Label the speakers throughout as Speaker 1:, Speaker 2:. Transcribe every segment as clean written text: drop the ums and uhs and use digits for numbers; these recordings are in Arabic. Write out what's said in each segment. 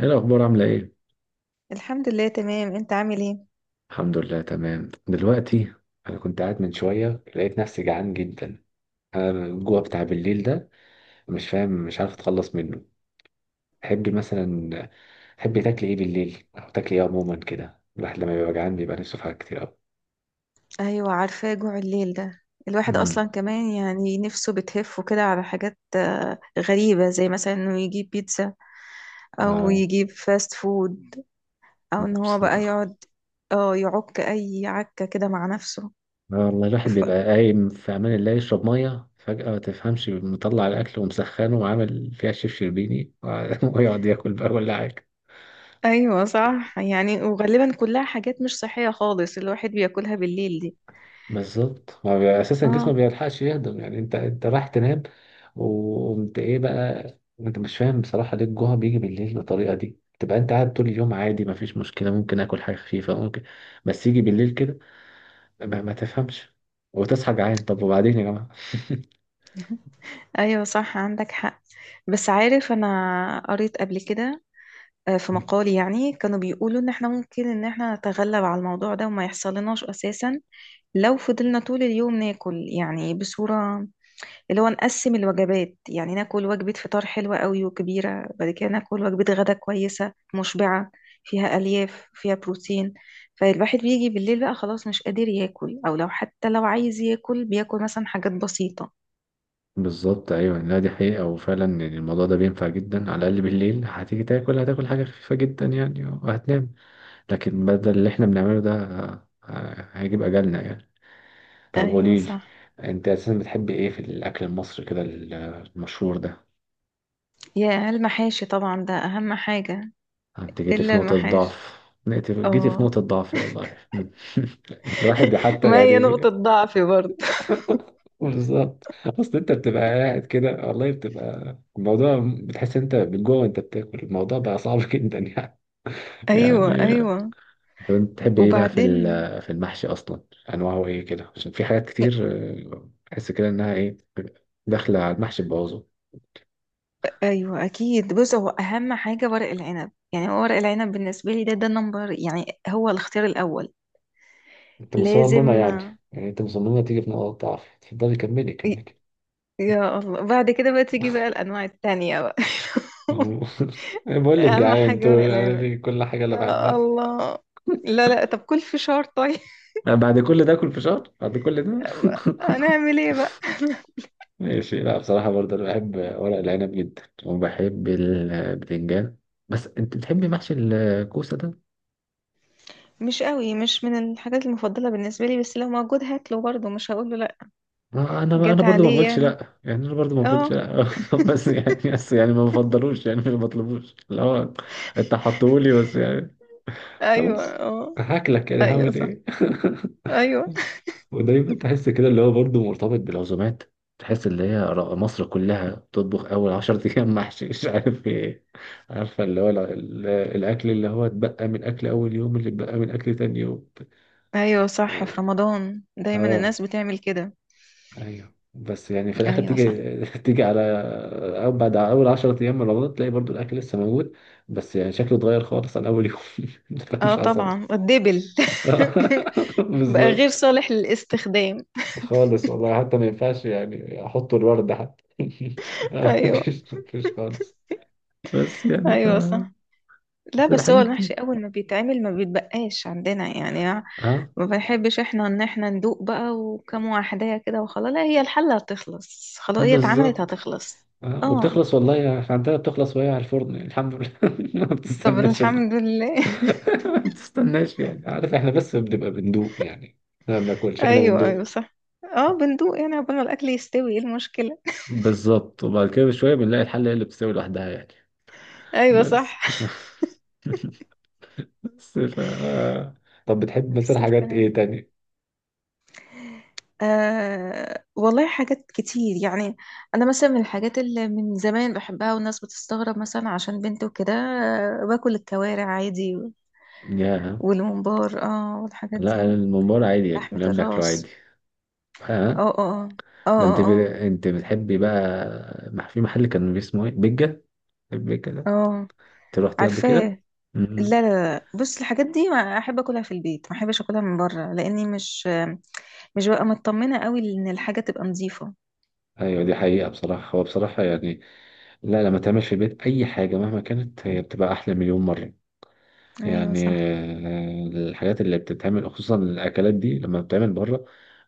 Speaker 1: ايه الاخبار عامله ايه؟
Speaker 2: الحمد لله تمام، انت عامل ايه؟
Speaker 1: الحمد لله تمام دلوقتي. انا كنت قاعد من شويه، لقيت نفسي جعان جدا. انا الجوع بتاع بالليل ده مش فاهم، مش عارف اتخلص منه. تحبي مثلا تحبي تاكلي ايه بالليل، او تاكلي ايه عموما كده؟ الواحد لما بيبقى جعان بيبقى نفسه في حاجات كتير قوي.
Speaker 2: ايوه عارفاه جوع الليل ده. الواحد
Speaker 1: امم
Speaker 2: اصلا كمان يعني نفسه بتهف كده على حاجات غريبة، زي مثلا انه يجيب بيتزا او
Speaker 1: اه
Speaker 2: يجيب فاست فود او ان هو بقى
Speaker 1: بصراحه.
Speaker 2: يقعد اه يعك اي عكة كده مع نفسه.
Speaker 1: آه والله الواحد
Speaker 2: ف...
Speaker 1: بيبقى قايم في امان الله يشرب ميه فجأة، ما تفهمش مطلع الأكل ومسخنه وعامل فيها شيف شربيني ويقعد ياكل بقى ولا حاجة.
Speaker 2: ايوه صح يعني، وغالبا كلها حاجات مش صحية خالص الواحد بياكلها بالليل دي.
Speaker 1: بالظبط، ما بي- اساسا جسمه
Speaker 2: اه
Speaker 1: ما بيلحقش يهضم، يعني انت رايح تنام وقمت ايه بقى. انت مش فاهم بصراحه ليه الجوع بيجي بالليل بالطريقه دي، تبقى انت قاعد طول اليوم عادي، ما فيش مشكله، ممكن اكل حاجه خفيفه ممكن. بس يجي بالليل كده ما تفهمش وتصحى جعان. طب وبعدين يا جماعه؟
Speaker 2: ايوه صح عندك حق. بس عارف انا قريت قبل كده، في مقالي يعني كانوا بيقولوا ان احنا ممكن ان احنا نتغلب على الموضوع ده وما يحصلناش اساسا، لو فضلنا طول اليوم ناكل يعني بصورة اللي هو نقسم الوجبات. يعني ناكل وجبة فطار حلوة قوي وكبيرة، بعد كده ناكل وجبة غدا كويسة مشبعة فيها ألياف فيها بروتين، فالواحد بيجي بالليل بقى خلاص مش قادر ياكل، او لو حتى لو عايز ياكل بياكل مثلا حاجات بسيطة.
Speaker 1: بالظبط ايوه، لا دي حقيقه، وفعلا يعني الموضوع ده بينفع جدا. على الاقل بالليل هتيجي تاكل هتاكل حاجه خفيفه جدا يعني وهتنام. لكن بدل اللي احنا بنعمله ده هيجيب اجلنا يعني. طب
Speaker 2: ايوه
Speaker 1: قولي لي،
Speaker 2: صح.
Speaker 1: انت اساسا بتحب ايه في الاكل المصري كده، المشهور ده؟
Speaker 2: يا المحاشي طبعا ده اهم حاجة.
Speaker 1: انت جيتي
Speaker 2: الا
Speaker 1: في نقطة
Speaker 2: المحاشي.
Speaker 1: ضعف. جيتي في
Speaker 2: اه
Speaker 1: نقطة ضعف والله. الواحد حتى
Speaker 2: ما هي
Speaker 1: يعني
Speaker 2: نقطة ضعفي برضه
Speaker 1: بالظبط، اصل انت بتبقى قاعد كده والله، بتبقى الموضوع بتحس انت من جوه وانت بتاكل الموضوع بقى صعب جدا يعني
Speaker 2: أيوة
Speaker 1: يعني
Speaker 2: أيوة.
Speaker 1: طب انت بتحب ايه بقى في
Speaker 2: وبعدين.
Speaker 1: ال- في المحشي اصلا؟ انواعه ايه كده؟ عشان في حاجات كتير، اه بحس كده انها ايه داخله على المحشي.
Speaker 2: أيوة أكيد، بص هو أهم حاجة ورق العنب. يعني هو ورق العنب بالنسبة لي ده نمبر، يعني هو الاختيار الأول.
Speaker 1: انت
Speaker 2: لازم.
Speaker 1: مصممة يعني. يعني انت مصممة تيجي في نقط ضعف. اتفضلي كملي
Speaker 2: ي-
Speaker 1: كملي.
Speaker 2: يا الله بعد كده بقى تيجي بقى الأنواع التانية بقى
Speaker 1: بقول لك
Speaker 2: أهم
Speaker 1: جعان
Speaker 2: حاجة
Speaker 1: تقول
Speaker 2: ورق
Speaker 1: انا
Speaker 2: العنب.
Speaker 1: لي كل حاجة اللي
Speaker 2: يا
Speaker 1: بحبها.
Speaker 2: الله. لا لا، طب كل فشار طيب.
Speaker 1: بعد كل ده اكل فشار بعد كل ده؟
Speaker 2: هنعمل ايه بقى
Speaker 1: ماشي، لا بصراحة برضه انا بحب ورق العنب جدا وبحب البتنجان. بس انت بتحبي محشي الكوسة ده؟
Speaker 2: مش قوي، مش من الحاجات المفضلة بالنسبة لي، بس لو موجود هاكله برضه، مش هقوله لا.
Speaker 1: ما انا
Speaker 2: جت
Speaker 1: برضه ما
Speaker 2: عليه
Speaker 1: بقولش
Speaker 2: يعني.
Speaker 1: لا يعني، انا برضه ما بقولش
Speaker 2: اه.
Speaker 1: لا بس يعني ما بفضلوش يعني، ما بطلبوش لا. انت حطولي بس يعني.
Speaker 2: ايوه.
Speaker 1: خلاص
Speaker 2: اه.
Speaker 1: هاكلك يعني،
Speaker 2: ايوه
Speaker 1: هعمل
Speaker 2: صح.
Speaker 1: ايه.
Speaker 2: ايوه.
Speaker 1: ودايما تحس كده اللي هو برضه مرتبط بالعزومات. تحس اللي هي مصر كلها بتطبخ اول عشر ايام محشي مش عارف ايه. عارفه اللي هو الاكل اللي هو اتبقى من اكل اول يوم، اللي اتبقى من اكل تاني يوم.
Speaker 2: ايوه صح،
Speaker 1: اه
Speaker 2: في رمضان دايما
Speaker 1: آه،
Speaker 2: الناس بتعمل كده.
Speaker 1: ايوه، بس يعني في الاخر
Speaker 2: ايوه صح.
Speaker 1: تيجي تيجي على، أو بعد اول 10 ايام من رمضان تلاقي برضو الاكل لسه موجود بس يعني شكله اتغير خالص عن اول يوم.
Speaker 2: اه
Speaker 1: مش حصل.
Speaker 2: طبعا الدبل بقى غير
Speaker 1: بالظبط
Speaker 2: صالح للاستخدام.
Speaker 1: خالص والله، حتى ما ينفعش يعني احط الورد حتى.
Speaker 2: ايوه.
Speaker 1: مفيش خالص. بس يعني ف،
Speaker 2: ايوه صح. لا
Speaker 1: بس
Speaker 2: بس هو
Speaker 1: الحاجات دي.
Speaker 2: المحشي اول ما بيتعمل ما بيتبقاش عندنا يعني.
Speaker 1: اه.
Speaker 2: ما بنحبش احنا ان احنا ندوق بقى وكم واحدة كده وخلاص. لا هي الحلة هتخلص، خلاص
Speaker 1: اه
Speaker 2: هي اتعملت
Speaker 1: بالظبط.
Speaker 2: هتخلص.
Speaker 1: اه
Speaker 2: اه.
Speaker 1: وبتخلص والله، احنا عندنا بتخلص وهي على الفرن يعني، الحمد لله ما
Speaker 2: طب
Speaker 1: بتستناش ال...
Speaker 2: الحمد لله
Speaker 1: ما بتستناش يعني. عارف احنا بس بنبقى بندوق يعني، احنا ما بناكلش، احنا
Speaker 2: ايوه
Speaker 1: بندوق.
Speaker 2: ايوه صح. اه بندوق يعني عقبال ما الاكل يستوي، ايه المشكله؟
Speaker 1: بالظبط، وبعد كده بشوية بنلاقي الحلة هي اللي بتستوي لوحدها يعني.
Speaker 2: ايوه
Speaker 1: بس
Speaker 2: صح.
Speaker 1: بس ف آه. طب بتحب مثلا
Speaker 2: نفس
Speaker 1: حاجات
Speaker 2: الكلام.
Speaker 1: ايه تاني؟
Speaker 2: آه والله حاجات كتير يعني. انا مثلا من الحاجات اللي من زمان بحبها والناس بتستغرب مثلا عشان بنت وكده، باكل الكوارع عادي،
Speaker 1: ياه.
Speaker 2: والممبار اه والحاجات
Speaker 1: لا أنا
Speaker 2: دي.
Speaker 1: الممبار عادي يعني،
Speaker 2: لحمة
Speaker 1: كلنا بناكله
Speaker 2: الراس.
Speaker 1: عادي. ها.
Speaker 2: اه اه اه.
Speaker 1: ده انت
Speaker 2: اه
Speaker 1: ب...
Speaker 2: اه
Speaker 1: انت بتحبي بقى في محل كان اسمه ايه، بيجا، البيجا ده؟
Speaker 2: اه. آه.
Speaker 1: انت رحتيه قبل كده؟
Speaker 2: عارفاه. لا
Speaker 1: امم
Speaker 2: لا. لا بص الحاجات دي ما احب اكلها في البيت، ما احبش اكلها من بره لاني مش ببقى مطمنة قوي ان الحاجة تبقى نظيفة.
Speaker 1: ايوه دي حقيقة بصراحة، هو بصراحة يعني، لا، لما تعمل في البيت اي حاجة مهما كانت هي بتبقى احلى مليون مرة
Speaker 2: ايوه
Speaker 1: يعني.
Speaker 2: صح.
Speaker 1: الحاجات اللي بتتعمل خصوصا الأكلات دي لما بتتعمل بره،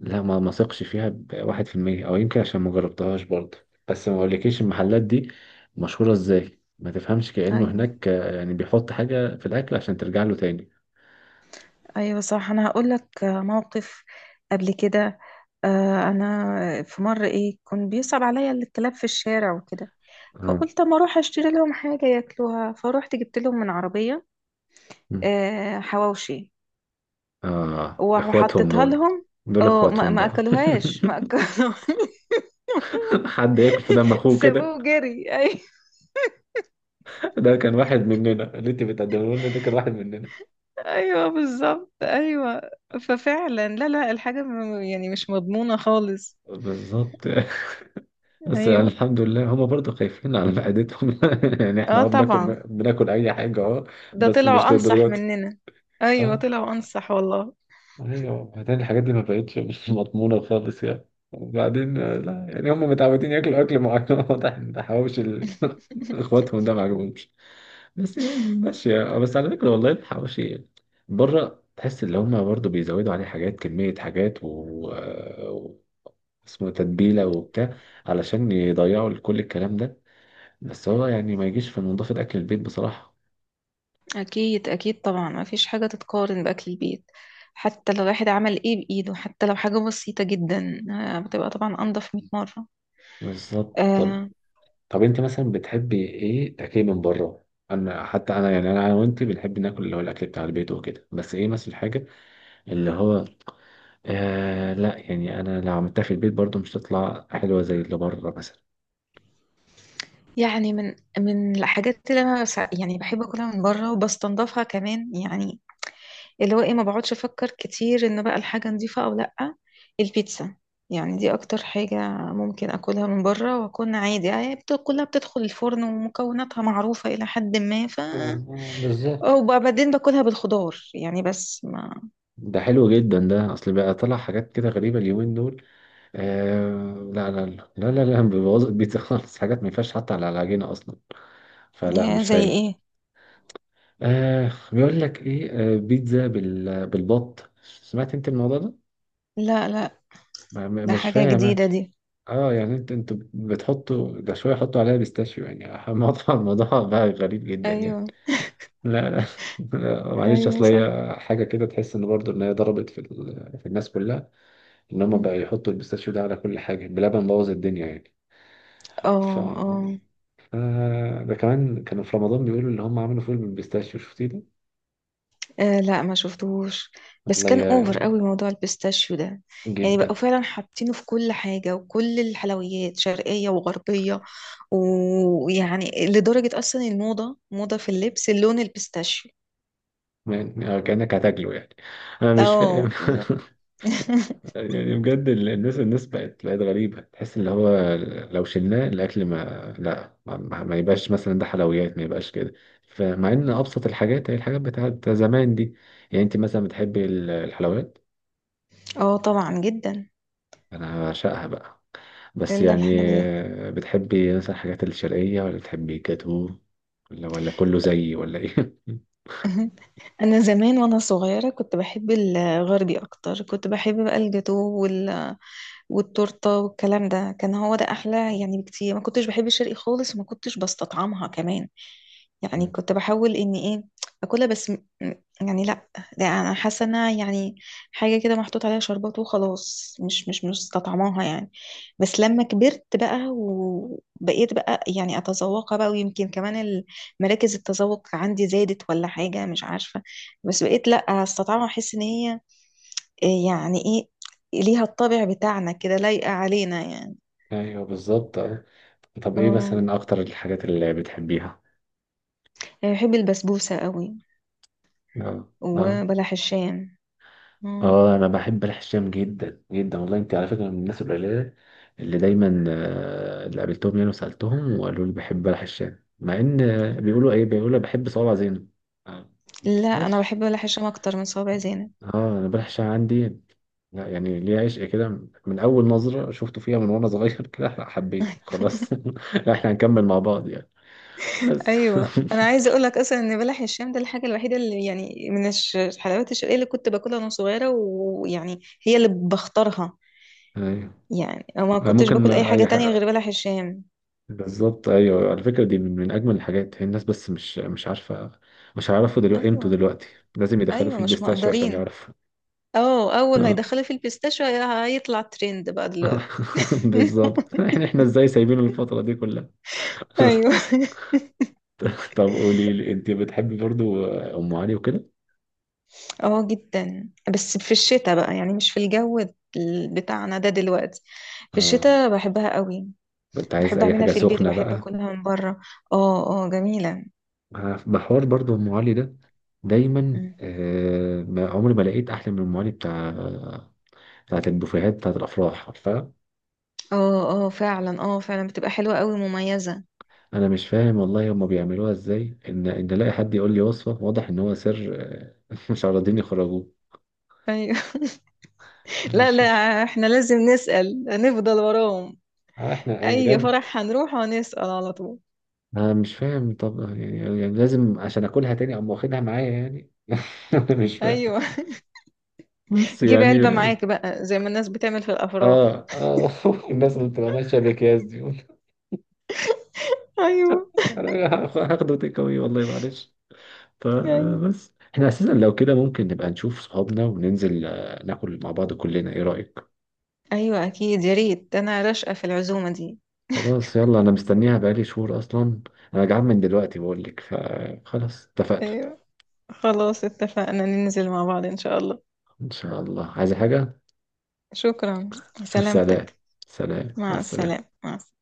Speaker 1: لا ما ثقش فيها بواحد في المية، أو يمكن عشان ما جربتهاش برضه. بس ما أقولكيش المحلات دي مشهورة إزاي، ما تفهمش، كأنه
Speaker 2: ايوه
Speaker 1: هناك يعني بيحط حاجة في الأكل عشان ترجع له تاني.
Speaker 2: ايوه صح. انا هقول لك موقف قبل كده. انا في مرة ايه كان بيصعب عليا الكلاب في الشارع وكده،
Speaker 1: آه.
Speaker 2: فقلت اما اروح اشتري لهم حاجة ياكلوها، فروحت جبت لهم من عربية
Speaker 1: مم.
Speaker 2: حواوشي
Speaker 1: آه إخواتهم
Speaker 2: وحطيتها
Speaker 1: دول.
Speaker 2: لهم.
Speaker 1: دول
Speaker 2: اه ما
Speaker 1: إخواتهم
Speaker 2: ما
Speaker 1: بقى.
Speaker 2: اكلوهاش، ما اكلوها.
Speaker 1: حد ياكل في دم أخوه
Speaker 2: سابوه
Speaker 1: كده.
Speaker 2: وجري، ايوه.
Speaker 1: ده كان واحد مننا اللي أنت بتقدمه لنا، ده كان واحد مننا.
Speaker 2: ايوه بالظبط ايوه. ففعلا لا لا، الحاجة يعني مش مضمونة خالص.
Speaker 1: بالظبط. بس يعني
Speaker 2: ايوه.
Speaker 1: الحمد لله هما برضو خايفين على معدتهم يعني. احنا
Speaker 2: اه
Speaker 1: اه بناكل،
Speaker 2: طبعا.
Speaker 1: بناكل اي حاجه اه،
Speaker 2: ده
Speaker 1: بس
Speaker 2: طلعوا
Speaker 1: مش
Speaker 2: انصح
Speaker 1: للدرجه دي.
Speaker 2: مننا. ايوه
Speaker 1: اه.
Speaker 2: طلعوا انصح والله.
Speaker 1: ايوه، وبعدين الحاجات دي ما بقتش مش مضمونه خالص يعني. وبعدين لا يعني هما متعودين ياكلوا اكل معين واضح ان حواوشي اخواتهم ده ما عجبهمش. بس يعني ماشيه بس على فكره والله الحواوشي بره تحس ان هما برضو بيزودوا عليه حاجات، كميه حاجات و... و... اسمه تتبيله وبتاع، علشان يضيعوا كل الكلام ده. بس هو يعني ما يجيش في نظافة أكل البيت بصراحة.
Speaker 2: أكيد أكيد، طبعا مفيش حاجة تتقارن بأكل البيت. حتى لو الواحد عمل إيه بإيده، حتى لو حاجة بسيطة جدا، بتبقى طبعا أنضف 100 مرة.
Speaker 1: بالظبط. طب
Speaker 2: آه.
Speaker 1: طب أنت مثلا بتحبي إيه أكل من بره؟ أنا حتى أنا يعني أنا وأنت بنحب ناكل اللي هو الأكل بتاع البيت وكده، بس إيه مثلا الحاجة اللي هو، لا يعني أنا لو عملتها في البيت برضو مش هتطلع حلوة زي اللي بره مثلا.
Speaker 2: يعني من من الحاجات اللي أنا يعني بحب أكلها من بره وبستنضفها كمان، يعني اللي هو ايه، ما بقعدش افكر كتير ان بقى الحاجة نظيفة او لأ: البيتزا. يعني دي اكتر حاجة ممكن اكلها من بره واكون عادي يعني. كلها بتدخل الفرن ومكوناتها معروفة الى حد ما، ف...
Speaker 1: بالظبط.
Speaker 2: وبعدين باكلها بالخضار يعني، بس ما...
Speaker 1: ده حلو جدا، ده اصل بقى طلع حاجات كده غريبه اليومين دول. لا لا لا لا لا, لا بيبوظ البيتزا خالص، حاجات ما ينفعش حتى على العجينه اصلا، فلا
Speaker 2: يا
Speaker 1: مش
Speaker 2: زي
Speaker 1: حلو.
Speaker 2: ايه؟
Speaker 1: بيقول لك ايه، بيتزا بالبط، سمعت انت الموضوع ده؟
Speaker 2: لا لا، ده
Speaker 1: مش
Speaker 2: حاجة
Speaker 1: فاهم أنا.
Speaker 2: جديدة دي.
Speaker 1: اه يعني انت بتحطوا ده شويه، حطوا عليها بيستاشيو يعني، الموضوع بقى غريب جدا يعني.
Speaker 2: ايوه.
Speaker 1: لا لا لا، معلش
Speaker 2: ايوه
Speaker 1: اصل
Speaker 2: صح.
Speaker 1: هي حاجه كده تحس ان برضو ان هي ضربت في الناس كلها، ان هم بقى يحطوا البيستاشيو ده على كل حاجه، بلبن، بوظ الدنيا يعني.
Speaker 2: اه
Speaker 1: ف
Speaker 2: اه.
Speaker 1: ده كمان كانوا في رمضان بيقولوا اللي هم عملوا فول بالبيستاشيو، شفتيه ده؟
Speaker 2: آه لا ما شفتهوش، بس
Speaker 1: والله
Speaker 2: كان اوفر قوي موضوع البيستاشيو ده. يعني
Speaker 1: جدا
Speaker 2: بقوا فعلا حاطينه في كل حاجة وكل الحلويات شرقية وغربية، ويعني لدرجة اصلا الموضة موضة في اللبس اللون البيستاشيو.
Speaker 1: يعني. كأنك هتاكله يعني، انا مش فاهم.
Speaker 2: اه بالظبط.
Speaker 1: يعني بجد الناس بقت غريبة. تحس ان هو لو شلناه الاكل ما، لا ما يبقاش مثلا، ده حلويات ما يبقاش كده. فمع ان ابسط الحاجات هي الحاجات بتاعت زمان دي. يعني انت مثلا بتحبي الحلويات؟
Speaker 2: اه طبعا جدا.
Speaker 1: انا بعشقها بقى، بس
Speaker 2: الا
Speaker 1: يعني
Speaker 2: الحلويات.
Speaker 1: بتحبي مثلا الحاجات الشرقية ولا بتحبي جاتو، ولا كله زيي، ولا ايه؟
Speaker 2: انا زمان وانا صغيره كنت بحب الغربي اكتر، كنت بحب بقى الجاتو وال... والتورته والكلام ده، كان هو ده احلى يعني بكتير، ما كنتش بحب الشرقي خالص وما كنتش بستطعمها كمان. يعني
Speaker 1: مم.
Speaker 2: كنت بحاول اني ايه اكلها بس يعني لا، ده انا حاسه انها يعني حاجه كده محطوط عليها شربات وخلاص، مش مستطعماها يعني. بس لما كبرت بقى وبقيت بقى يعني اتذوقها بقى، ويمكن كمان مراكز التذوق عندي زادت ولا حاجة مش عارفة. بس بقيت لا، استطعم احس ان هي إيه يعني ايه، ليها الطابع بتاعنا كده، لايقة علينا يعني.
Speaker 1: ايوه بالظبط. طب ايه
Speaker 2: اه.
Speaker 1: مثلا اكتر الحاجات اللي بتحبيها؟
Speaker 2: يعني بحب البسبوسة قوي
Speaker 1: اه اه
Speaker 2: وبلح الشام. مم.
Speaker 1: اه، انا بحب الحشام جدا جدا والله، انت على فكره من الناس القليله اللي دايما اللي قابلتهم يعني وسالتهم وقالوا لي بحب الحشام، مع ان بيقولوا بحب صوابع زينب. آه،
Speaker 2: لا انا
Speaker 1: ماشي.
Speaker 2: بحب بلح الشام اكتر من صوابع زينب.
Speaker 1: اه انا بالحشام عندي، لا يعني ليه عشق كده من اول نظره شفته فيها من وانا صغير كده، لا، حبيته خلاص لا، احنا هنكمل مع بعض يعني. بس
Speaker 2: ايوه انا عايزه اقول لك اصلا ان بلح الشام ده الحاجه الوحيده اللي يعني من الحلويات الشرقيه اللي كنت باكلها وانا صغيره، ويعني هي اللي بختارها.
Speaker 1: ايوه.
Speaker 2: يعني أنا ما كنتش
Speaker 1: ممكن
Speaker 2: باكل اي حاجه
Speaker 1: اي
Speaker 2: تانية غير
Speaker 1: حاجة.
Speaker 2: بلح الشام.
Speaker 1: بالظبط ايوه، على فكره دي من اجمل الحاجات، هي الناس بس مش عارفه، مش هيعرفوا دلوقتي قيمته
Speaker 2: ايوه.
Speaker 1: دلوقتي، لازم يدخلوا
Speaker 2: ايوه
Speaker 1: فيه
Speaker 2: مش
Speaker 1: البيستاشيو عشان
Speaker 2: مقدرين.
Speaker 1: يعرفوا.
Speaker 2: اه اول ما
Speaker 1: آه.
Speaker 2: يدخلوا في البيستاشيو هيطلع ترند بقى دلوقتي.
Speaker 1: بالظبط، احنا ازاي سايبين الفتره دي كلها؟
Speaker 2: ايوه.
Speaker 1: طب قولي لي، انت بتحبي برضو ام علي وكده؟
Speaker 2: اه جدا. بس في الشتاء بقى، يعني مش في الجو بتاعنا ده دلوقتي. في
Speaker 1: اه،
Speaker 2: الشتاء بحبها قوي.
Speaker 1: انت عايز
Speaker 2: بحب
Speaker 1: اي
Speaker 2: اعملها
Speaker 1: حاجه
Speaker 2: في البيت
Speaker 1: سخنه
Speaker 2: وبحب
Speaker 1: بقى.
Speaker 2: اكلها من بره. اه اه جميلة.
Speaker 1: محور برضو ام علي ده، دايما
Speaker 2: مم.
Speaker 1: ما عمري ما لقيت احلى من ام علي بتاع بتاعت البوفيهات بتاعت الافراح، عارفه.
Speaker 2: اه اه فعلا، اه فعلا بتبقى حلوة قوي مميزة.
Speaker 1: انا مش فاهم والله هما بيعملوها ازاي، ان الاقي حد يقول لي وصفه، واضح ان هو سر مش عارضين يخرجوه.
Speaker 2: ايوه. لا
Speaker 1: مش
Speaker 2: لا.
Speaker 1: مش
Speaker 2: احنا لازم نسأل نفضل وراهم.
Speaker 1: احنا يعني
Speaker 2: اي
Speaker 1: بجد،
Speaker 2: فرح هنروح هنسأل على طول.
Speaker 1: انا مش فاهم، طب يعني لازم عشان اكلها تاني اقوم واخدها معايا يعني؟ مش فاهم،
Speaker 2: ايوه.
Speaker 1: بس
Speaker 2: جيب
Speaker 1: يعني.
Speaker 2: علبة معاك بقى زي ما الناس بتعمل في الأفراح.
Speaker 1: اه. اه الناس اللي بتبقى ماشيه باكياس دي،
Speaker 2: أيوة
Speaker 1: انا هاخده تيك أواي والله معلش.
Speaker 2: أيوة.
Speaker 1: فبس احنا اساسا لو كده ممكن نبقى نشوف صحابنا وننزل ناكل مع بعض كلنا، ايه رايك؟
Speaker 2: أيوة أكيد، يا ريت، أنا راشقة في العزومة دي.
Speaker 1: خلاص يلا، انا مستنيها بقالي شهور اصلا، انا جعان من دلوقتي بقول لك، فخلاص اتفقنا.
Speaker 2: أيوة. خلاص اتفقنا ننزل مع بعض إن شاء الله.
Speaker 1: ان شاء الله، عايزة حاجة؟
Speaker 2: شكرا.
Speaker 1: سلام.
Speaker 2: سلامتك.
Speaker 1: سلام، مع
Speaker 2: مع السلامة
Speaker 1: السلامة.
Speaker 2: مع السلامة.